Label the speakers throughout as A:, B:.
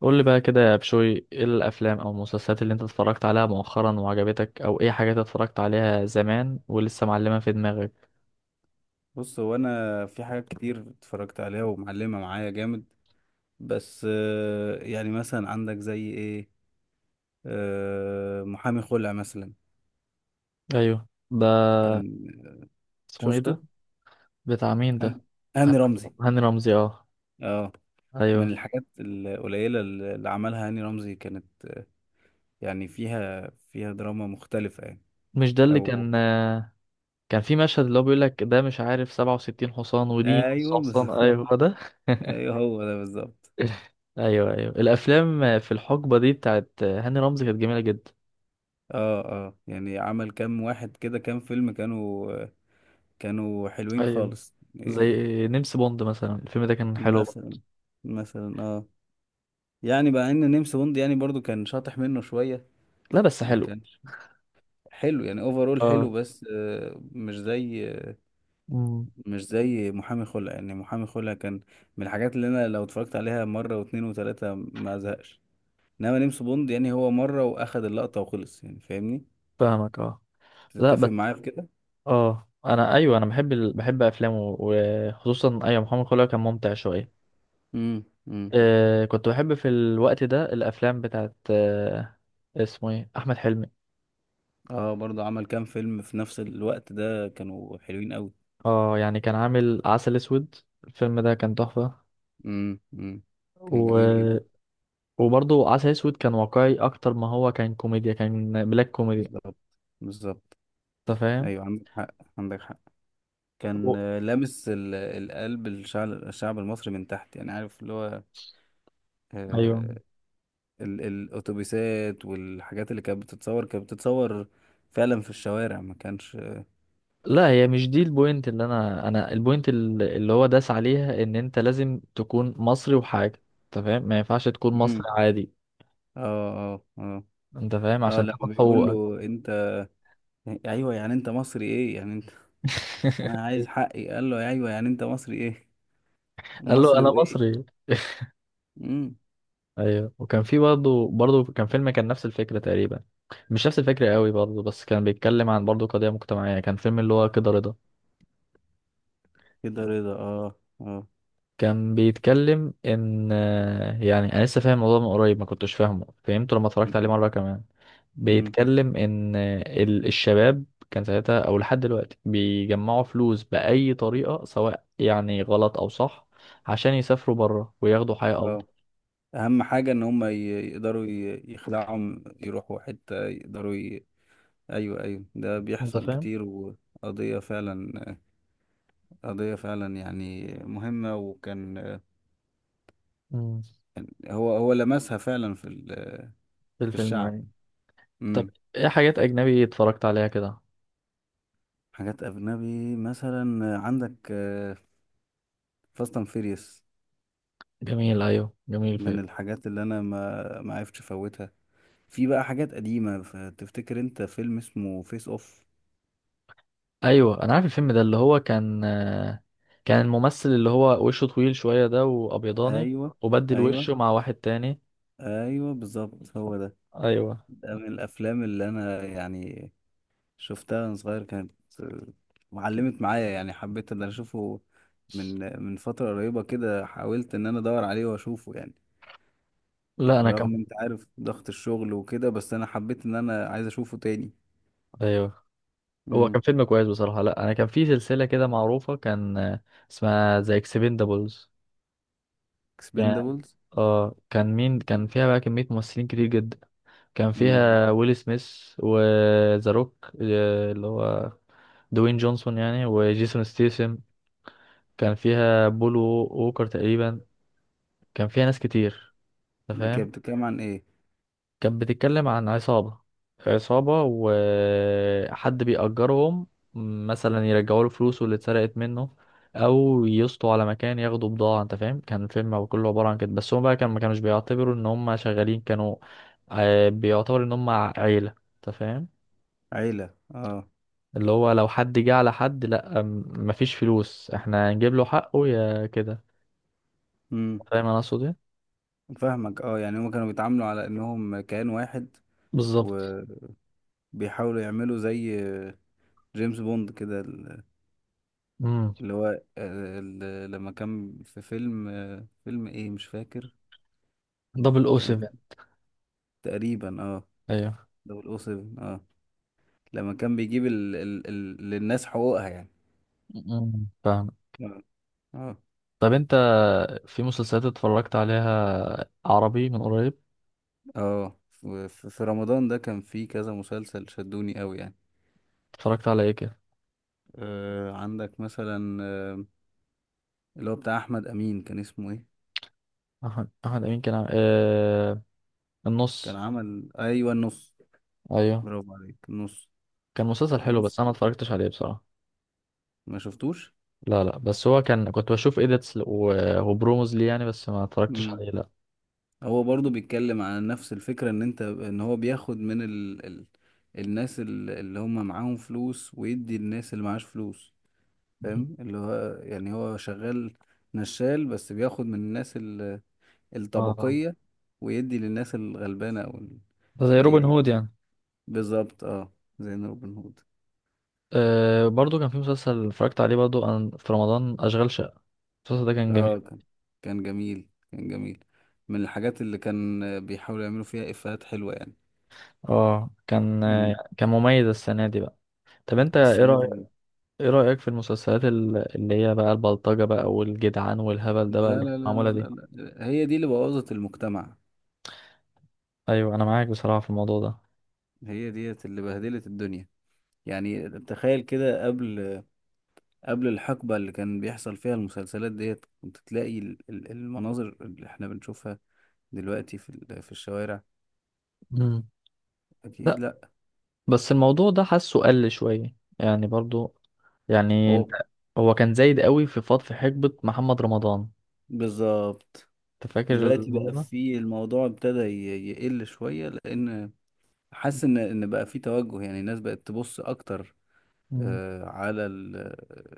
A: قول لي بقى كده يا بشوي، ايه الافلام او المسلسلات اللي انت اتفرجت عليها مؤخرا وعجبتك، او ايه حاجات اتفرجت عليها زمان ولسه معلمة في دماغك؟
B: بص، هو انا في حاجات كتير اتفرجت عليها ومعلمه معايا جامد. بس يعني مثلا عندك زي ايه؟ محامي خلع مثلا.
A: ايوه ده.
B: كان
A: اسمه ايه
B: شفته
A: ده؟ بتاع مين
B: هن-
A: ده؟ هاني
B: هاني رمزي،
A: هاني رمزي اه.
B: اه. من
A: ايوه.
B: الحاجات القليله اللي عملها هاني رمزي كانت يعني فيها دراما مختلفه يعني.
A: مش ده اللي
B: او
A: كان كان في مشهد اللي هو بيقول لك ده مش عارف 67 حصان ودي نص
B: ايوه
A: حصان؟
B: بالظبط.
A: ايوه هو ده.
B: ايوه، هو ده بالظبط.
A: ايوه ايوه، الافلام في الحقبة دي بتاعت هاني رمزي كانت جميلة جدا.
B: اه اه، يعني عمل كام واحد كده، كام فيلم كانوا حلوين
A: ايوه،
B: خالص.
A: زي نمس بوند مثلا، الفيلم ده كان حلو برضه.
B: مثلا، مثلا اه. يعني بقى ان نيمس بوند يعني برضو كان شاطح منه شوية.
A: لا بس
B: ما
A: حلو.
B: كانش حلو، يعني اوفرول
A: اه.
B: حلو، بس
A: مم.
B: مش زي محامي خلع. يعني محامي خلع كان من الحاجات اللي انا لو اتفرجت عليها مرة واتنين وتلاتة ما ازهقش. انما نيمس بوند يعني هو مرة واخد اللقطة وخلص يعني، فاهمني؟
A: فاهمك اه. لا
B: تتفق
A: بس
B: معايا في كده.
A: اه، انا بحب بحب افلامه، وخصوصا ايوه محمد خليل كان ممتع شويه.
B: امم، امم.
A: كنت بحب في الوقت ده الافلام بتاعت، اسمه ايه، احمد حلمي.
B: اه، برضو عمل كام فيلم في نفس الوقت ده، كانوا حلوين قوي.
A: اه يعني كان عامل عسل اسود، الفيلم ده كان تحفه.
B: امم، امم. كان
A: و...
B: جميل جدا.
A: وبرضه عسل اسود كان واقعي اكتر، ما هو كان كوميديا، كان بلاك كوميدي.
B: بالظبط، بالظبط.
A: انت فاهم؟
B: ايوه عندك حق، عندك حق.
A: و...
B: كان لامس القلب، الشعب المصري من تحت. يعني عارف اللي هو
A: ايوه.
B: آه، الاتوبيسات والحاجات اللي كانت بتتصور فعلا في الشوارع، ما كانش.
A: لا هي مش دي البوينت، اللي انا البوينت اللي هو داس عليها، ان انت لازم تكون مصري وحاجه، انت فاهم؟ ما ينفعش تكون
B: امم،
A: مصري عادي،
B: اه اه، اه
A: انت فاهم،
B: اه.
A: عشان تاخد
B: لما بيقول
A: حقوقك.
B: له انت، ايوه يعني انت مصري ايه، يعني انت انا عايز حقي. قال له ايوه يعني انت مصري ايه،
A: قال له
B: مصري
A: انا
B: وايه.
A: مصري.
B: امم.
A: ايوه، وكان في برضه كان فيلم كان نفس الفكره تقريبا، مش نفس الفكره قوي برضه، بس كان بيتكلم عن برضه قضيه مجتمعيه، كان فيلم اللي هو كده رضا.
B: كده رضا، اه اه.
A: كان بيتكلم ان يعني انا لسه فاهم الموضوع من قريب، ما كنتش فاهمه، فهمته لما اتفرجت عليه مره كمان. بيتكلم ان الشباب كان ساعتها او لحد دلوقتي بيجمعوا فلوس باي طريقه، سواء يعني غلط او صح، عشان يسافروا بره وياخدوا حياه افضل.
B: امم. اهم حاجه ان هم يقدروا يخلعهم، يروحوا حته يقدروا ايوه ايوه، ده
A: انت
B: بيحصل
A: فاهم.
B: كتير وقضيه فعلا، قضيه فعلا يعني مهمه. وكان
A: امم.
B: هو لمسها فعلا في
A: في
B: في
A: الفيلم
B: الشعب.
A: يعني. طب
B: امم.
A: ايه حاجات اجنبي اتفرجت عليها كده؟
B: حاجات اجنبي مثلا عندك فاست اند فيريوس.
A: جميل، ايوه جميل
B: من
A: فيلم.
B: الحاجات اللي انا ما عرفتش افوتها. في بقى حاجات قديمه، تفتكر انت فيلم اسمه فيس اوف؟
A: ايوه انا عارف الفيلم ده، اللي هو كان كان الممثل اللي هو وشه طويل شويه ده وابيضاني،
B: ايوه،
A: وبدل
B: ايوه.
A: وشه مع واحد تاني.
B: ايوه بالظبط، هو ده.
A: ايوه.
B: ده من الافلام اللي انا يعني شفتها وانا صغير كانت معلمت معايا. يعني حبيت ان انا اشوفه. من فتره قريبه كده حاولت ان انا ادور عليه واشوفه يعني.
A: لا انا كان،
B: رغم انت عارف ضغط الشغل وكده، بس انا حبيت ان انا عايز اشوفه تاني.
A: ايوه هو كان
B: امم.
A: فيلم كويس بصراحه. لا انا كان في سلسله كده معروفه كان آه، اسمها ذا اكسبندبلز. كان
B: اكسبندبلز.
A: اه، كان مين كان فيها بقى؟ كميه ممثلين كتير جدا، كان
B: امم.
A: فيها ويل سميث، وذا روك اللي هو دوين جونسون يعني، وجيسون ستيسم. كان فيها بول ووكر تقريبا. كان فيها ناس كتير، انت
B: دي كانت
A: فاهم.
B: بتتكلم عن ايه؟
A: كانت بتتكلم عن عصابة، عصابة وحد بيأجرهم، مثلا يرجعوا له فلوسه اللي اتسرقت منه، او يسطوا على مكان ياخدوا بضاعة. انت فاهم كان الفيلم كله عبارة عن كده، بس هم بقى كان ما كانوش بيعتبروا ان هم شغالين، كانوا بيعتبروا ان هم عيلة، انت فاهم.
B: عيله، اه.
A: اللي هو لو حد جه على حد، لا مفيش فلوس، احنا هنجيب له حقه يا كده.
B: امم.
A: فاهم انا اقصد ايه؟
B: فاهمك اه، يعني هما كانوا بيتعاملوا على انهم كيان واحد،
A: بالظبط.
B: وبيحاولوا يعملوا زي جيمس بوند كده.
A: امم.
B: اللي هو لما كان في فيلم، فيلم ايه مش فاكر،
A: دبل او
B: كان
A: 7.
B: تقريبا اه.
A: ايوه.
B: دول او 7، اه. لما كان بيجيب للناس حقوقها يعني.
A: امم، فاهم.
B: اه، اه،
A: طب انت في مسلسلات اتفرجت عليها عربي من قريب؟
B: اه. في في رمضان ده كان في كذا مسلسل شدوني قوي يعني.
A: اتفرجت على ايه كده؟
B: عندك مثلا اللي هو بتاع احمد امين، كان اسمه ايه؟
A: احمد امين كان
B: كان
A: النص.
B: عمل، ايوه النص.
A: ايوه،
B: برافو عليك، النص.
A: كان مسلسل حلو،
B: النص
A: بس انا ما
B: ده،
A: اتفرجتش عليه بصراحه.
B: ما شفتوش.
A: لا لا، بس هو كان كنت بشوف ايديتس وبروموز ليه يعني، بس ما اتفرجتش
B: مم.
A: عليه لا.
B: هو برضو بيتكلم عن نفس الفكرة ان انت، ان هو بياخد من الناس اللي هم معاهم فلوس، ويدي الناس اللي معاش فلوس.
A: مهم.
B: فاهم اللي هو، يعني هو شغال نشال، بس بياخد من الناس
A: اه،
B: الطبقية ويدي للناس الغلبانة، او
A: ده زي روبن
B: الفقيرة.
A: هود يعني.
B: بالظبط اه، زي روبن هود.
A: أه برضو كان في مسلسل اتفرجت عليه برضو في رمضان، أشغال شقة، المسلسل ده كان
B: اه،
A: جميل.
B: كان، كان جميل، كان جميل. من الحاجات اللي كان بيحاولوا يعملوا فيها افيهات حلوة يعني.
A: اه كان،
B: امم.
A: كان مميز السنة دي بقى. طب انت ايه
B: السنة
A: رايك،
B: دي.
A: ايه رأيك في المسلسلات اللي هي بقى البلطجة بقى والجدعان والهبل ده بقى
B: لا
A: اللي
B: لا
A: كانت
B: لا.
A: معمولة
B: لا
A: دي؟
B: لا لا. هي دي اللي بوظت المجتمع.
A: ايوه، انا معاك بصراحة في الموضوع ده.
B: هي ديت اللي بهدلت الدنيا. يعني تخيل كده، قبل الحقبة اللي كان بيحصل فيها المسلسلات ديت، كنت تلاقي المناظر اللي احنا بنشوفها دلوقتي في في الشوارع؟
A: مم.
B: أكيد
A: لا
B: لا.
A: بس الموضوع ده حاسه قل شوية يعني برضو، يعني
B: هو
A: انت، هو كان زايد قوي في فض، في حقبة محمد رمضان.
B: بالظبط.
A: انت فاكر
B: دلوقتي
A: الموضوع
B: بقى
A: ده؟
B: في الموضوع ابتدى يقل شوية، لأن حاسس إن بقى في توجه. يعني الناس بقت تبص أكتر
A: مم.
B: على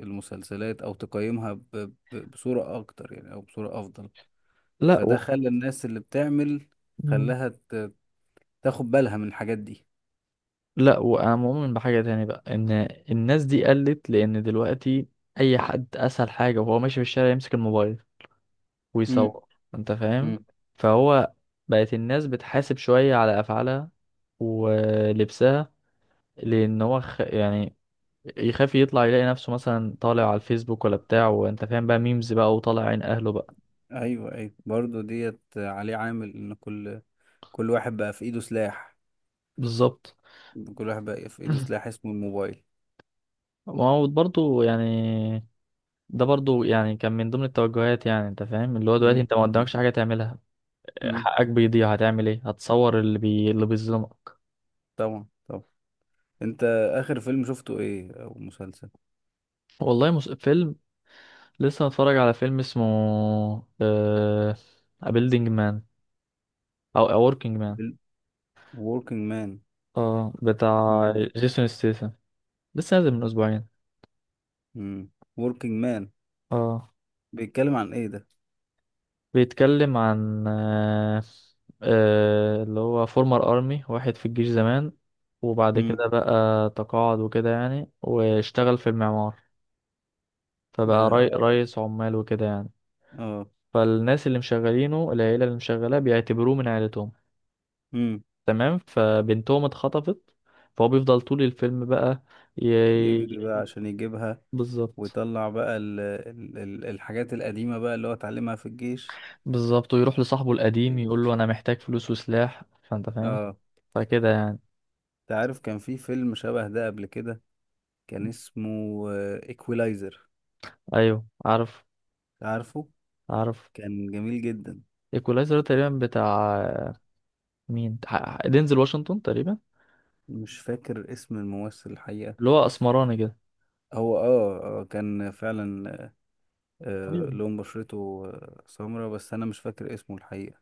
B: المسلسلات او تقيمها بصورة اكتر، يعني او بصورة افضل.
A: لا
B: فده خلى الناس اللي بتعمل،
A: مم.
B: خلاها تاخد بالها من الحاجات دي.
A: لا، وانا مؤمن بحاجة تاني بقى، ان الناس دي قلت، لان دلوقتي اي حد اسهل حاجة وهو ماشي في الشارع يمسك الموبايل
B: امم،
A: ويصور، انت فاهم.
B: امم.
A: فهو بقت الناس بتحاسب شوية على أفعالها ولبسها، لأن هو يعني يخاف يطلع يلاقي نفسه مثلا طالع على الفيسبوك ولا بتاع، وانت فاهم بقى ميمز بقى وطالع عين أهله بقى.
B: ايوه ايوه، برضو ديت عليه عامل ان كل واحد بقى في ايده سلاح،
A: بالظبط.
B: كل واحد بقى في ايده سلاح اسمه الموبايل.
A: ما هو برضه يعني، ده برضه يعني كان من ضمن التوجهات يعني، انت فاهم اللي هو دلوقتي
B: امم،
A: انت ما قدامكش حاجة تعملها،
B: امم.
A: حقك بيضيع هتعمل ايه؟ هتصور اللي بيظلمك.
B: طبعا، طبعا. انت، اخر فيلم شفته ايه، او مسلسل؟
A: فيلم، لسه هتفرج على فيلم اسمه آه... A Building Man، أو A Working Man.
B: ال- Working Man.
A: اه، بتاع
B: امم.
A: جيسون ستيسن، لسه نازل من أسبوعين.
B: Working Man
A: اه،
B: بيتكلم عن ايه ده؟
A: بيتكلم عن اللي هو فورمر أرمي، واحد في الجيش زمان، وبعد
B: امم،
A: كده بقى تقاعد وكده يعني، واشتغل في المعمار، فبقى
B: يا اه
A: رئيس عمال وكده يعني.
B: اه.
A: فالناس اللي مشغلينه، العيلة اللي مشغلاه بيعتبروه من عيلتهم،
B: امم.
A: تمام؟ فبنتهم اتخطفت، فهو بيفضل طول الفيلم بقى
B: يجري بقى
A: ي...
B: عشان يجيبها،
A: بالظبط.
B: ويطلع بقى الحاجات القديمة بقى اللي هو اتعلمها في الجيش.
A: بالظبط، ويروح لصاحبه القديم يقول له انا محتاج فلوس وسلاح، فانت فاهم،
B: اه.
A: فكده يعني.
B: انت عارف كان في فيلم شبه ده قبل كده، كان اسمه ايكولايزر.
A: ايوه، عارف
B: عارفه.
A: عارف.
B: كان جميل جدا.
A: ايكولايزر، تقريبا بتاع مين؟ دينزل واشنطن تقريبا،
B: مش فاكر اسم الممثل الحقيقة.
A: اللي هو اسمراني كده.
B: هو اه، كان فعلا،
A: ايوه.
B: لون بشرته سمرة، بس انا مش فاكر اسمه الحقيقة.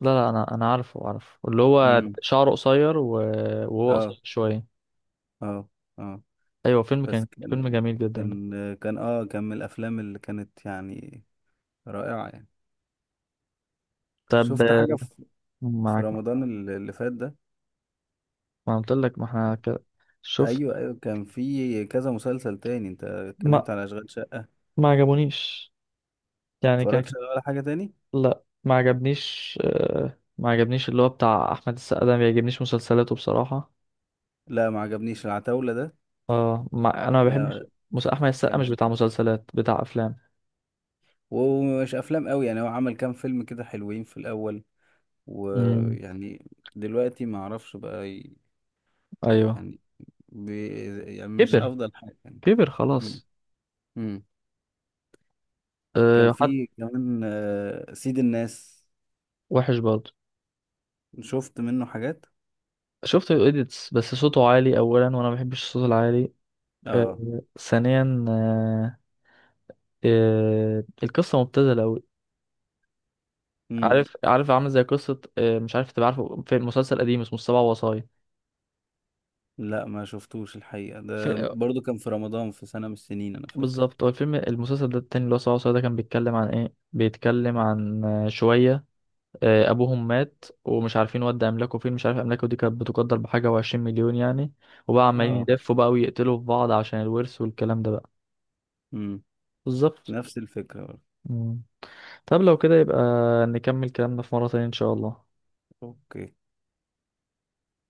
A: لا لا، انا انا عارفه اللي هو
B: امم،
A: شعره قصير وهو
B: اه
A: قصير شويه.
B: اه، اه.
A: ايوه، فيلم
B: بس
A: كان
B: كان،
A: فيلم جميل جدا ده.
B: كان من الافلام اللي كانت يعني رائعة يعني.
A: طب.
B: شفت حاجة في، في
A: معاك معاك.
B: رمضان اللي فات ده؟
A: ما قلت لك، ما احنا كده شفت.
B: ايوه، ايوه. كان في كذا مسلسل تاني، انت
A: ما
B: اتكلمت على اشغال شقة.
A: ما عجبونيش، يعني كان.
B: اتفرجتش على ولا حاجة تاني؟
A: لا، ما عجبنيش ما عجبنيش اللي هو بتاع احمد السقا ده، ما بيعجبنيش مسلسلاته بصراحة.
B: لا ما عجبنيش العتاولة ده.
A: اه ما... انا ما
B: لا
A: بحبش
B: ما
A: احمد السقا مش
B: كانش،
A: بتاع مسلسلات، بتاع افلام.
B: ومش افلام قوي يعني. هو عمل كام فيلم كده حلوين في الاول،
A: امم.
B: ويعني دلوقتي ما اعرفش بقى
A: ايوه.
B: يعني، بي يعني مش
A: كبر،
B: افضل حاجة يعني.
A: كبر
B: مم.
A: خلاص.
B: مم. كان
A: أه. حد
B: في كمان سيد الناس،
A: وحش برضه.
B: شفت منه حاجات.
A: شفت الايديتس، بس صوته عالي اولا وانا ما بحبش الصوت العالي. أه،
B: اه.
A: ثانيا أه، أه القصه مبتذله قوي.
B: امم.
A: عارف، عارف عامل زي قصه، أه مش عارف تبقى عارفه، في مسلسل قديم اسمه السبع وصايا.
B: لا ما شفتوش الحقيقة. ده برضو كان في رمضان في سنة من السنين انا فاكر.
A: بالظبط، هو الفيلم، المسلسل ده التاني اللي هو سبعة وسبعة، ده كان بيتكلم عن ايه؟ بيتكلم عن شوية أبوهم مات، ومش عارفين ودى أملاكه فين، مش عارف أملاكه دي كانت بتقدر بحاجة و20 مليون يعني. وبقى عمالين
B: اه.
A: يلفوا بقى ويقتلوا في بعض عشان الورث والكلام ده بقى.
B: امم.
A: بالظبط.
B: نفس الفكرة برضو.
A: مم. طب لو كده يبقى نكمل كلامنا في مرة تانية إن شاء الله.
B: اوكي.